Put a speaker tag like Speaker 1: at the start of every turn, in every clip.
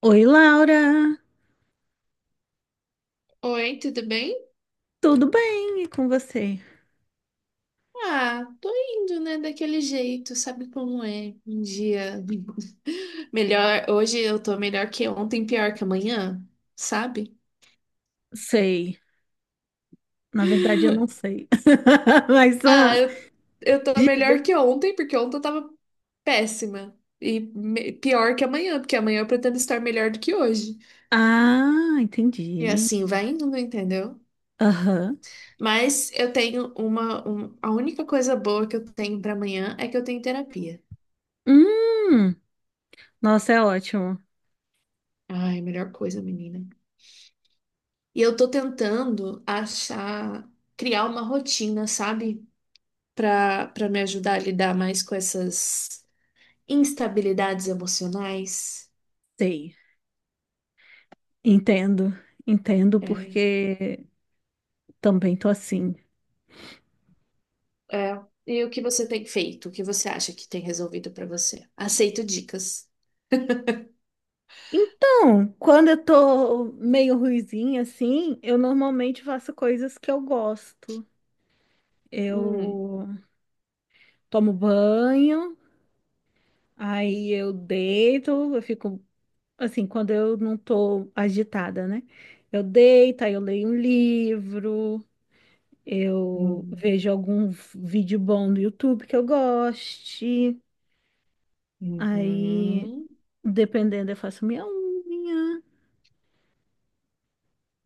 Speaker 1: Oi, Laura,
Speaker 2: Oi, tudo bem?
Speaker 1: tudo bem? E com você?
Speaker 2: Ah, tô indo, né, daquele jeito, sabe como é? Um dia melhor, hoje eu tô melhor que ontem, pior que amanhã, sabe?
Speaker 1: Sei, na verdade eu não sei. Mas,
Speaker 2: Ah, eu tô
Speaker 1: diga.
Speaker 2: melhor que ontem, porque ontem eu tava péssima. Pior que amanhã, porque amanhã eu pretendo estar melhor do que hoje.
Speaker 1: Ah,
Speaker 2: E
Speaker 1: entendi.
Speaker 2: assim vai indo, entendeu?
Speaker 1: Aham.
Speaker 2: Mas eu tenho a única coisa boa que eu tenho pra amanhã é que eu tenho terapia.
Speaker 1: Hum, nossa, é ótimo.
Speaker 2: Ai, melhor coisa, menina. E eu tô tentando achar, criar uma rotina, sabe? Pra me ajudar a lidar mais com essas instabilidades emocionais.
Speaker 1: Sei, entendo, entendo
Speaker 2: É,
Speaker 1: porque também tô assim.
Speaker 2: é. E o que você tem feito? O que você acha que tem resolvido pra você? Aceito dicas.
Speaker 1: Então, quando eu tô meio ruizinha assim, eu normalmente faço coisas que eu gosto.
Speaker 2: Hum,
Speaker 1: Eu tomo banho, aí eu deito, eu fico assim, quando eu não tô agitada, né? Eu deito, aí eu leio um livro, eu
Speaker 2: hum,
Speaker 1: vejo algum vídeo bom no YouTube que eu goste, aí,
Speaker 2: uhum.
Speaker 1: dependendo, eu faço minha unha,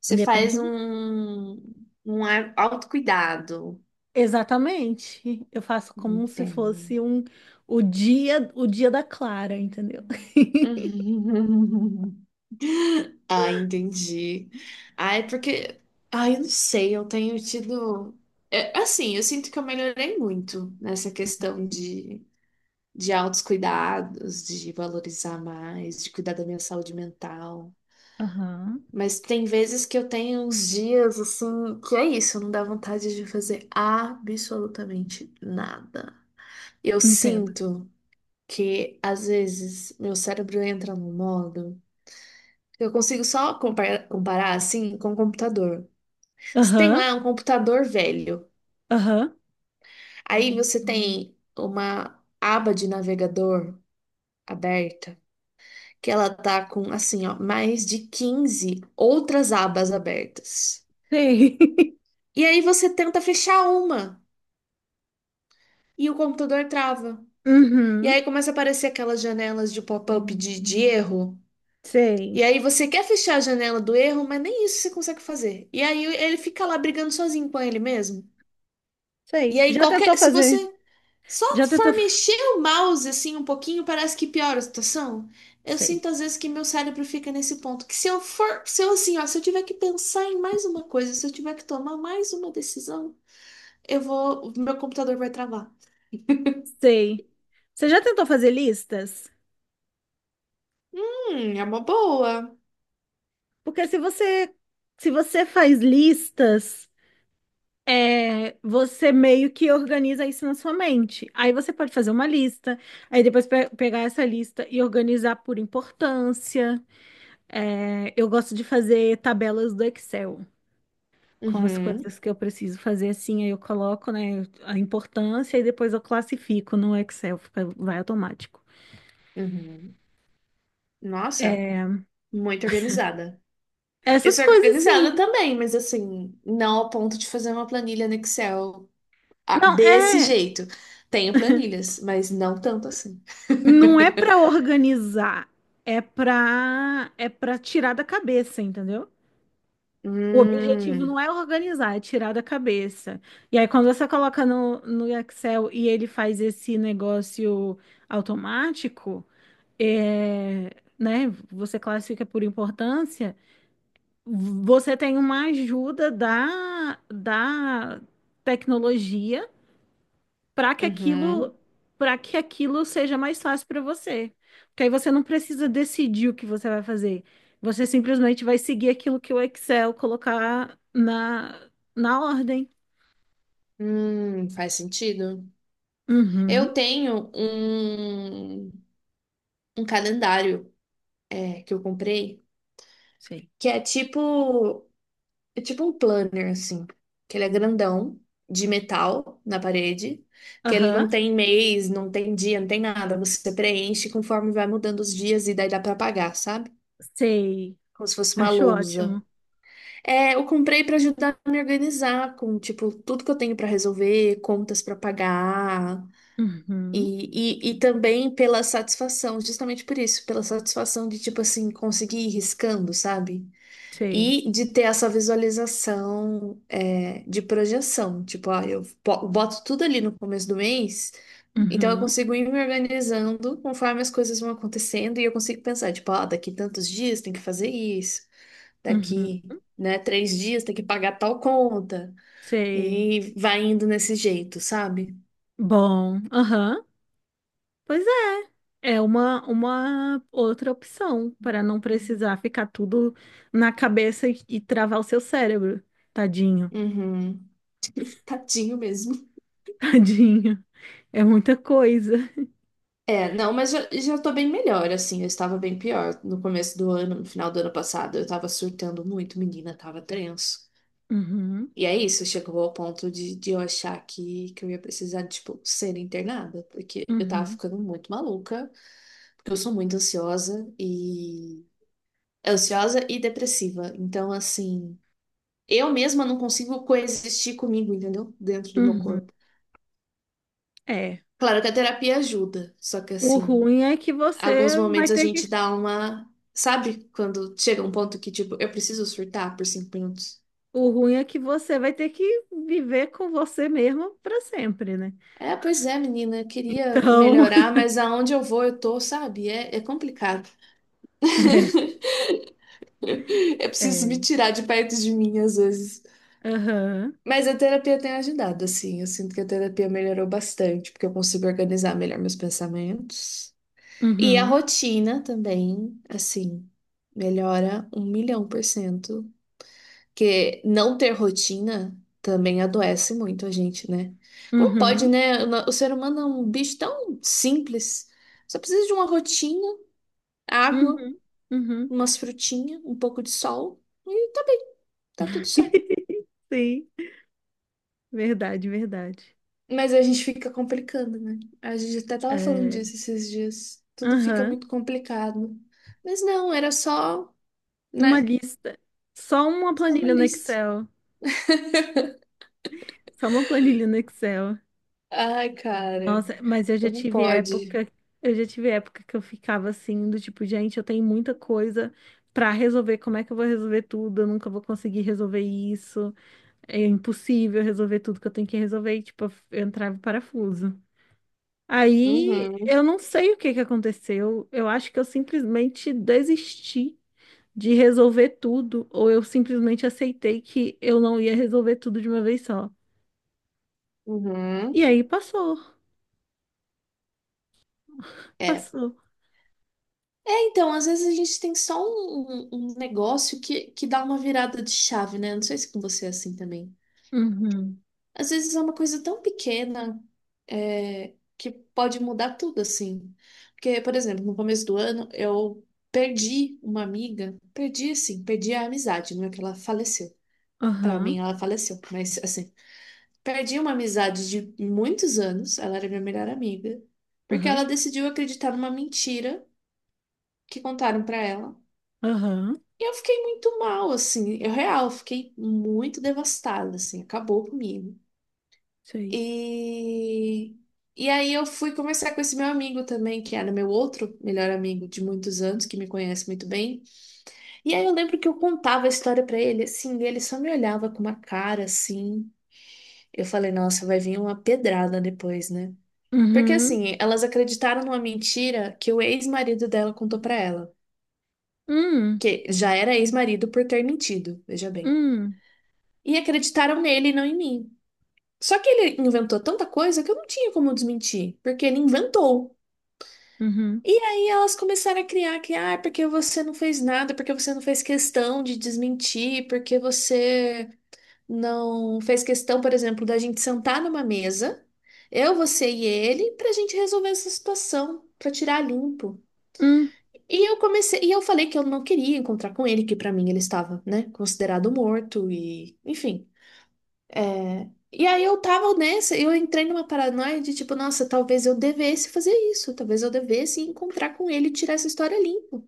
Speaker 2: Você faz
Speaker 1: depende.
Speaker 2: um autocuidado.
Speaker 1: Exatamente. Eu faço como se
Speaker 2: Entendo.
Speaker 1: fosse o dia da Clara, entendeu?
Speaker 2: Ah, entendi. Ah, é porque. Ah, eu não sei, eu tenho tido. É, assim, eu sinto que eu melhorei muito nessa questão de autocuidados, de valorizar mais, de cuidar da minha saúde mental.
Speaker 1: Aham,
Speaker 2: Mas tem vezes que eu tenho uns dias assim, que é isso, não dá vontade de fazer absolutamente nada. Eu
Speaker 1: entendo.
Speaker 2: sinto que, às vezes, meu cérebro entra num modo que eu consigo só comparar assim com o computador. Você tem
Speaker 1: Aham,
Speaker 2: lá um computador velho.
Speaker 1: aham,
Speaker 2: Aí você tem uma aba de navegador aberta, que ela tá com assim, ó, mais de 15 outras abas abertas.
Speaker 1: sei.
Speaker 2: E aí você tenta fechar uma e o computador trava. E
Speaker 1: Uhum,
Speaker 2: aí começa a aparecer aquelas janelas de pop-up de erro. E
Speaker 1: sei,
Speaker 2: aí você quer fechar a janela do erro, mas nem isso você consegue fazer. E aí ele fica lá brigando sozinho com ele mesmo. E
Speaker 1: sei.
Speaker 2: aí
Speaker 1: Já tentou
Speaker 2: qualquer, se
Speaker 1: fazer.
Speaker 2: você só
Speaker 1: Já tentou?
Speaker 2: for
Speaker 1: F-
Speaker 2: mexer o mouse assim um pouquinho, parece que piora a situação. Eu
Speaker 1: Sei.
Speaker 2: sinto às vezes que meu cérebro fica nesse ponto, que se eu for, se eu assim, ó, se eu tiver que pensar em mais uma coisa, se eu tiver que tomar mais uma decisão, eu vou, meu computador vai travar.
Speaker 1: Sei. Você já tentou fazer listas?
Speaker 2: É uma boa.
Speaker 1: Porque se você faz listas, é, você meio que organiza isso na sua mente. Aí você pode fazer uma lista, aí depois pe- pegar essa lista e organizar por importância. É, eu gosto de fazer tabelas do Excel com as
Speaker 2: Uhum,
Speaker 1: coisas que eu preciso fazer assim, aí eu coloco, né, a importância e depois eu classifico no Excel, fica, vai automático.
Speaker 2: uhum. Nossa,
Speaker 1: É,
Speaker 2: muito organizada. Eu
Speaker 1: essas
Speaker 2: sou
Speaker 1: coisas, sim.
Speaker 2: organizada também, mas assim, não ao ponto de fazer uma planilha no Excel. Ah,
Speaker 1: Não,
Speaker 2: desse
Speaker 1: é,
Speaker 2: jeito. Tenho planilhas, mas não tanto assim.
Speaker 1: não é pra organizar, é pra é para tirar da cabeça, entendeu? O objetivo
Speaker 2: Hum,
Speaker 1: não é organizar, é tirar da cabeça. E aí, quando você coloca no Excel e ele faz esse negócio automático, é, né? Você classifica por importância, você tem uma ajuda da tecnologia para que aquilo,
Speaker 2: uhum,
Speaker 1: para que aquilo seja mais fácil para você. Porque aí você não precisa decidir o que você vai fazer. Você simplesmente vai seguir aquilo que o Excel colocar na ordem.
Speaker 2: faz sentido. Eu
Speaker 1: Uhum,
Speaker 2: tenho um calendário é, que eu comprei,
Speaker 1: sei.
Speaker 2: que é tipo um planner, assim. Que ele é grandão, de metal, na parede. Que ele
Speaker 1: Aham,
Speaker 2: não tem mês, não tem dia, não tem nada. Você preenche conforme vai mudando os dias e daí dá pra apagar, sabe?
Speaker 1: sei.
Speaker 2: Como se fosse uma
Speaker 1: Acho
Speaker 2: lousa.
Speaker 1: ótimo.
Speaker 2: É, eu comprei para ajudar a me organizar com, tipo, tudo que eu tenho para resolver, contas para pagar,
Speaker 1: Uhum,
Speaker 2: e também pela satisfação, justamente por isso, pela satisfação de, tipo assim, conseguir ir riscando, sabe?
Speaker 1: sei.
Speaker 2: E de ter essa visualização, é, de projeção, tipo, ó, eu boto tudo ali no começo do mês, então eu
Speaker 1: Uhum,
Speaker 2: consigo ir me organizando conforme as coisas vão acontecendo, e eu consigo pensar, tipo, ó, daqui tantos dias tem que fazer isso
Speaker 1: uhum,
Speaker 2: daqui, né, 3 dias tem que pagar tal conta.
Speaker 1: sei.
Speaker 2: E vai indo nesse jeito, sabe?
Speaker 1: Bom, aham. Pois é uma outra opção para não precisar ficar tudo na cabeça e travar o seu cérebro. Tadinho,
Speaker 2: Uhum. Tadinho mesmo.
Speaker 1: tadinho. É muita coisa.
Speaker 2: É, não, mas já, já tô bem melhor, assim. Eu estava bem pior no começo do ano, no final do ano passado. Eu tava surtando muito, menina, tava tenso.
Speaker 1: Uhum,
Speaker 2: E é isso, chegou ao ponto de eu achar que eu ia precisar, tipo, ser internada, porque eu tava
Speaker 1: uhum,
Speaker 2: ficando muito maluca, porque eu sou muito ansiosa e. Ansiosa e depressiva. Então, assim. Eu mesma não consigo coexistir comigo, entendeu? Dentro do meu
Speaker 1: uhum.
Speaker 2: corpo.
Speaker 1: É.
Speaker 2: Claro que a terapia ajuda, só que
Speaker 1: O
Speaker 2: assim,
Speaker 1: ruim é que
Speaker 2: alguns
Speaker 1: você vai
Speaker 2: momentos a
Speaker 1: ter
Speaker 2: gente
Speaker 1: que.
Speaker 2: dá uma. Sabe quando chega um ponto que, tipo, eu preciso surtar por 5 minutos?
Speaker 1: O ruim é que você vai ter que viver com você mesmo para sempre, né?
Speaker 2: É, pois é, menina, eu queria
Speaker 1: Então,
Speaker 2: melhorar, mas aonde eu vou, eu tô, sabe? É, é complicado. Eu preciso me
Speaker 1: é.
Speaker 2: tirar de perto de mim às vezes.
Speaker 1: Aham.
Speaker 2: Mas a terapia tem ajudado, assim. Eu sinto que a terapia melhorou bastante, porque eu consigo organizar melhor meus pensamentos. E a
Speaker 1: Uhum,
Speaker 2: rotina também, assim, melhora 1.000.000%. Porque não ter rotina também adoece muito a gente, né? Como pode,
Speaker 1: uhum,
Speaker 2: né? O no- O ser humano é um bicho tão simples. Só precisa de uma rotina, água,
Speaker 1: uhum, uhum.
Speaker 2: umas frutinhas, um pouco de sol e tá bem, tá tudo certo.
Speaker 1: Sim, verdade.
Speaker 2: Mas a gente fica complicando, né? A gente até tava falando
Speaker 1: É.
Speaker 2: disso esses dias. Tudo fica
Speaker 1: Aham.
Speaker 2: muito complicado. Mas não, era só,
Speaker 1: Uma
Speaker 2: né?
Speaker 1: lista. Só uma
Speaker 2: Isso é uma
Speaker 1: planilha no
Speaker 2: lista.
Speaker 1: Excel. Só uma planilha no Excel.
Speaker 2: Ai, cara,
Speaker 1: Nossa, mas
Speaker 2: como pode?
Speaker 1: eu já tive época que eu ficava assim, do tipo, gente, eu tenho muita coisa pra resolver, como é que eu vou resolver tudo? Eu nunca vou conseguir resolver isso. É impossível resolver tudo que eu tenho que resolver, e, tipo, eu entrava em parafuso. Aí
Speaker 2: Uhum,
Speaker 1: eu não sei o que que aconteceu. Eu acho que eu simplesmente desisti de resolver tudo, ou eu simplesmente aceitei que eu não ia resolver tudo de uma vez só. E
Speaker 2: uhum.
Speaker 1: aí passou,
Speaker 2: É.
Speaker 1: passou.
Speaker 2: É, então, às vezes a gente tem só um, um- um negócio que dá uma virada de chave, né? Não sei se com você é assim também.
Speaker 1: Uhum.
Speaker 2: Às vezes é uma coisa tão pequena, é, que pode mudar tudo, assim. Porque, por exemplo, no começo do ano, eu perdi uma amiga, perdi assim, perdi a amizade, não é que ela faleceu. Pra mim,
Speaker 1: Aham,
Speaker 2: ela faleceu, mas assim. Perdi uma amizade de muitos anos, ela era minha melhor amiga, porque ela
Speaker 1: aham,
Speaker 2: decidiu acreditar numa mentira que contaram pra ela.
Speaker 1: aham.
Speaker 2: E eu fiquei muito mal, assim, eu real, fiquei muito devastada, assim, acabou comigo.
Speaker 1: Isso aí.
Speaker 2: E e aí eu fui conversar com esse meu amigo também, que era meu outro melhor amigo de muitos anos, que me conhece muito bem. E aí eu lembro que eu contava a história pra ele, assim, e ele só me olhava com uma cara assim. Eu falei, nossa, vai vir uma pedrada depois, né? Porque
Speaker 1: Uhum.
Speaker 2: assim, elas acreditaram numa mentira que o ex-marido dela contou pra ela,
Speaker 1: Hum,
Speaker 2: que já era ex-marido por ter mentido, veja bem.
Speaker 1: hum,
Speaker 2: E acreditaram nele e não em mim. Só que ele inventou tanta coisa que eu não tinha como desmentir, porque ele inventou.
Speaker 1: uhum.
Speaker 2: E aí elas começaram a criar que, ah, porque você não fez nada, porque você não fez questão de desmentir, porque você não fez questão, por exemplo, da gente sentar numa mesa, eu, você e ele, pra gente resolver essa situação, pra tirar limpo.
Speaker 1: Hum.
Speaker 2: E eu comecei, e eu falei que eu não queria encontrar com ele, que pra mim ele estava, né, considerado morto e, enfim. É, e aí eu tava nessa, eu entrei numa paranoia de tipo, nossa, talvez eu devesse fazer isso, talvez eu devesse encontrar com ele e tirar essa história limpo,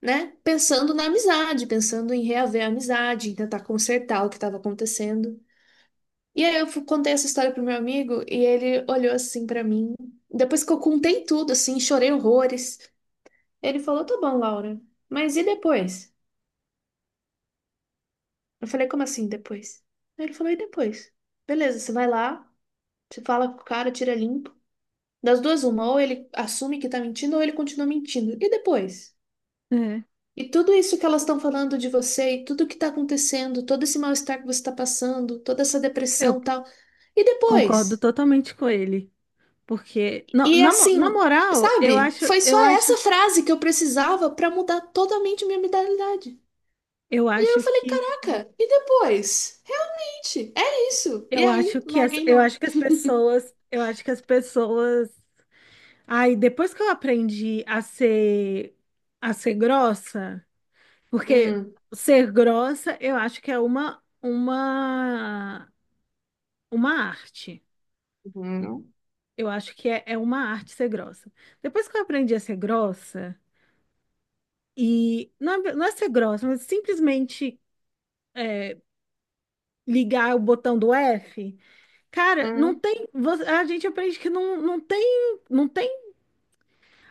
Speaker 2: né? Pensando na amizade, pensando em reaver a amizade, em tentar consertar o que estava acontecendo. E aí eu contei essa história pro meu amigo e ele olhou assim pra mim. Depois que eu contei tudo, assim, chorei horrores, ele falou: "Tá bom, Laura, mas e depois?" Eu falei, como assim depois? Aí ele falou, e depois? Beleza, você vai lá, você fala com o cara, tira limpo. Das duas, uma, ou ele assume que tá mentindo, ou ele continua mentindo. E depois?
Speaker 1: É.
Speaker 2: E tudo isso que elas estão falando de você, e tudo que tá acontecendo, todo esse mal-estar que você tá passando, toda essa depressão
Speaker 1: Eu
Speaker 2: e tal. E
Speaker 1: concordo
Speaker 2: depois?
Speaker 1: totalmente com ele. Porque,
Speaker 2: E
Speaker 1: na
Speaker 2: assim,
Speaker 1: moral,
Speaker 2: sabe? Foi só essa frase que eu precisava pra mudar totalmente minha mentalidade.
Speaker 1: eu
Speaker 2: E aí eu
Speaker 1: acho
Speaker 2: falei,
Speaker 1: que,
Speaker 2: caraca, e depois? Gente, é isso. E
Speaker 1: eu
Speaker 2: aí,
Speaker 1: acho que
Speaker 2: larguei mão.
Speaker 1: eu acho que as pessoas. Aí depois que eu aprendi a ser grossa, porque
Speaker 2: Hum.
Speaker 1: ser grossa eu acho que é uma arte.
Speaker 2: Uhum,
Speaker 1: Eu acho que é uma arte ser grossa. Depois que eu aprendi a ser grossa e não é, não é ser grossa, mas simplesmente ligar o botão do F, cara, não
Speaker 2: uhum,
Speaker 1: tem, vo- a gente aprende que não, não tem, não tem,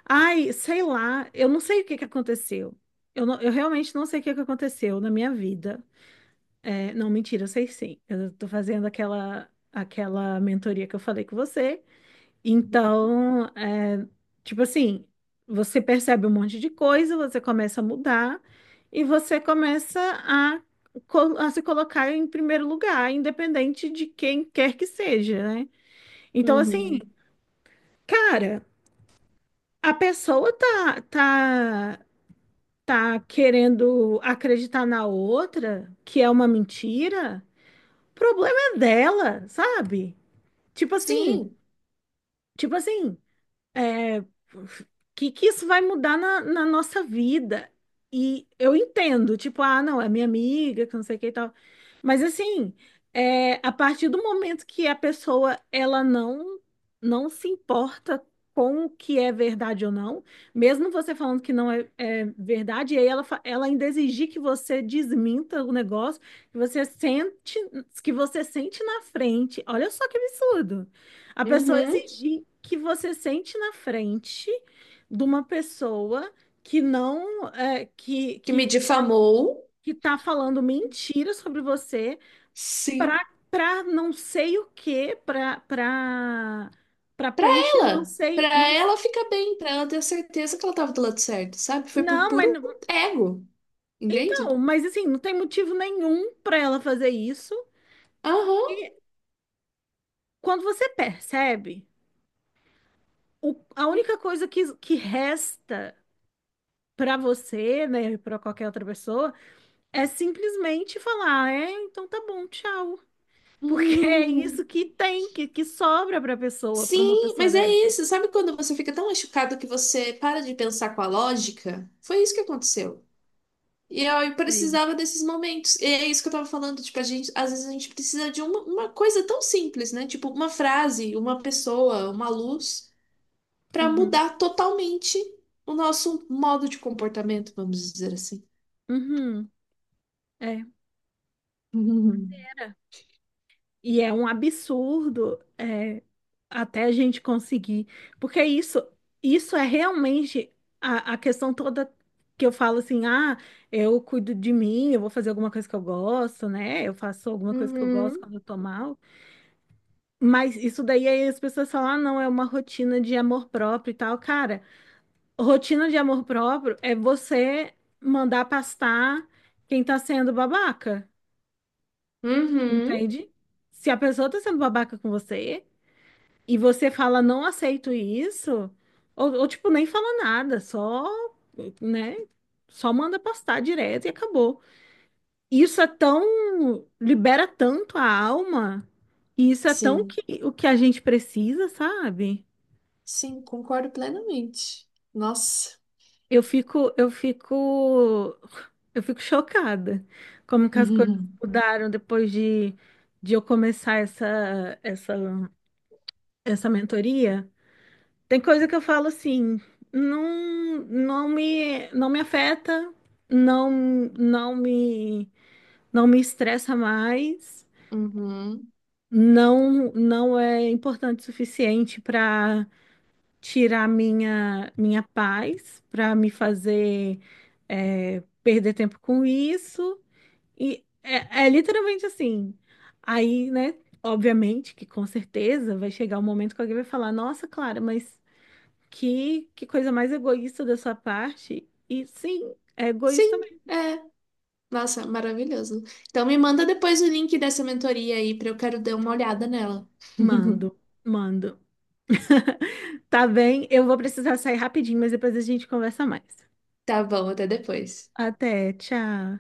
Speaker 1: ai, sei lá, eu não sei o que que aconteceu. Eu realmente não sei o que que aconteceu na minha vida. É, não, mentira, eu sei sim. Eu tô fazendo aquela mentoria que eu falei com você. Então, é, tipo assim, você percebe um monte de coisa, você começa a mudar e você começa a, a se colocar em primeiro lugar, independente de quem quer que seja, né? Então, assim,
Speaker 2: uhum.
Speaker 1: cara, a pessoa tá querendo acreditar na outra, que é uma mentira. Problema é dela, sabe? Tipo assim,
Speaker 2: Sim,
Speaker 1: tipo assim, é, que isso vai mudar na nossa vida? E eu entendo, tipo, ah, não, é minha amiga, que não sei o que e tal. Mas assim, é, a partir do momento que a pessoa ela não se importa com o que é verdade ou não, mesmo você falando que não é, é verdade, e aí ela, fa- ela ainda exigir que você desminta o negócio, que você sente, que você sente na frente. Olha só que absurdo. A pessoa
Speaker 2: uhum.
Speaker 1: exigir que você sente na frente de uma pessoa que não é,
Speaker 2: Que me difamou,
Speaker 1: que tá falando mentira sobre você para
Speaker 2: sim.
Speaker 1: para não sei o quê, para
Speaker 2: Pra
Speaker 1: preencher não
Speaker 2: ela,
Speaker 1: sei,
Speaker 2: pra ela ficar bem, pra ela ter a certeza que ela tava do lado certo, sabe? Foi por
Speaker 1: não, mas
Speaker 2: puro ego, entende?
Speaker 1: mas assim, não tem motivo nenhum para ela fazer isso.
Speaker 2: Aham.
Speaker 1: E quando você percebe, a única coisa que resta para você, né, para qualquer outra pessoa é simplesmente falar, é, então tá bom, tchau. Porque é
Speaker 2: Uhum.
Speaker 1: isso que tem, que sobra pra pessoa, pra uma
Speaker 2: Sim,
Speaker 1: pessoa
Speaker 2: mas é
Speaker 1: dessa.
Speaker 2: isso. Sabe quando você fica tão machucado que você para de pensar com a lógica? Foi isso que aconteceu. E eu
Speaker 1: Sei.
Speaker 2: precisava desses momentos. E é isso que eu tava falando, tipo, a gente, às vezes a gente precisa de uma coisa tão simples, né? Tipo, uma frase, uma pessoa, uma luz, pra
Speaker 1: Uhum,
Speaker 2: mudar totalmente o nosso modo de comportamento, vamos dizer assim.
Speaker 1: uhum, é.
Speaker 2: Uhum.
Speaker 1: Era. E é um absurdo, é, até a gente conseguir. Porque isso é realmente a questão toda que eu falo assim, ah, eu cuido de mim, eu vou fazer alguma coisa que eu gosto, né? Eu faço alguma coisa que eu gosto
Speaker 2: Uhum.
Speaker 1: quando eu tô mal. Mas isso daí aí as pessoas falam, ah, não, é uma rotina de amor próprio e tal. Cara, rotina de amor próprio é você mandar pastar quem tá sendo babaca,
Speaker 2: Uhum.
Speaker 1: entende? Se a pessoa tá sendo babaca com você e você fala, não aceito isso, ou tipo, nem fala nada, só, né, só manda pastar direto e acabou. Isso é tão, libera tanto a alma, e isso é tão
Speaker 2: Sim,
Speaker 1: que, o que a gente precisa, sabe?
Speaker 2: sim, concordo plenamente. Nossa.
Speaker 1: Eu fico, eu fico, eu fico chocada como que as coisas
Speaker 2: Uhum.
Speaker 1: mudaram depois de eu começar essa mentoria. Tem coisa que eu falo assim, não, não me afeta, não, não me estressa mais,
Speaker 2: Uhum.
Speaker 1: não, não é importante o suficiente para tirar minha paz para me fazer é, perder tempo com isso. É literalmente assim. Aí, né, obviamente que com certeza vai chegar um momento que alguém vai falar: Nossa, Clara, mas que coisa mais egoísta da sua parte. E sim, é
Speaker 2: Sim,
Speaker 1: egoísta mesmo.
Speaker 2: é. Nossa, maravilhoso. Então me manda depois o link dessa mentoria aí pra eu quero dar uma olhada nela.
Speaker 1: Mando, mando. Tá bem, eu vou precisar sair rapidinho, mas depois a gente conversa mais.
Speaker 2: Tá bom, até depois.
Speaker 1: Até, tchau.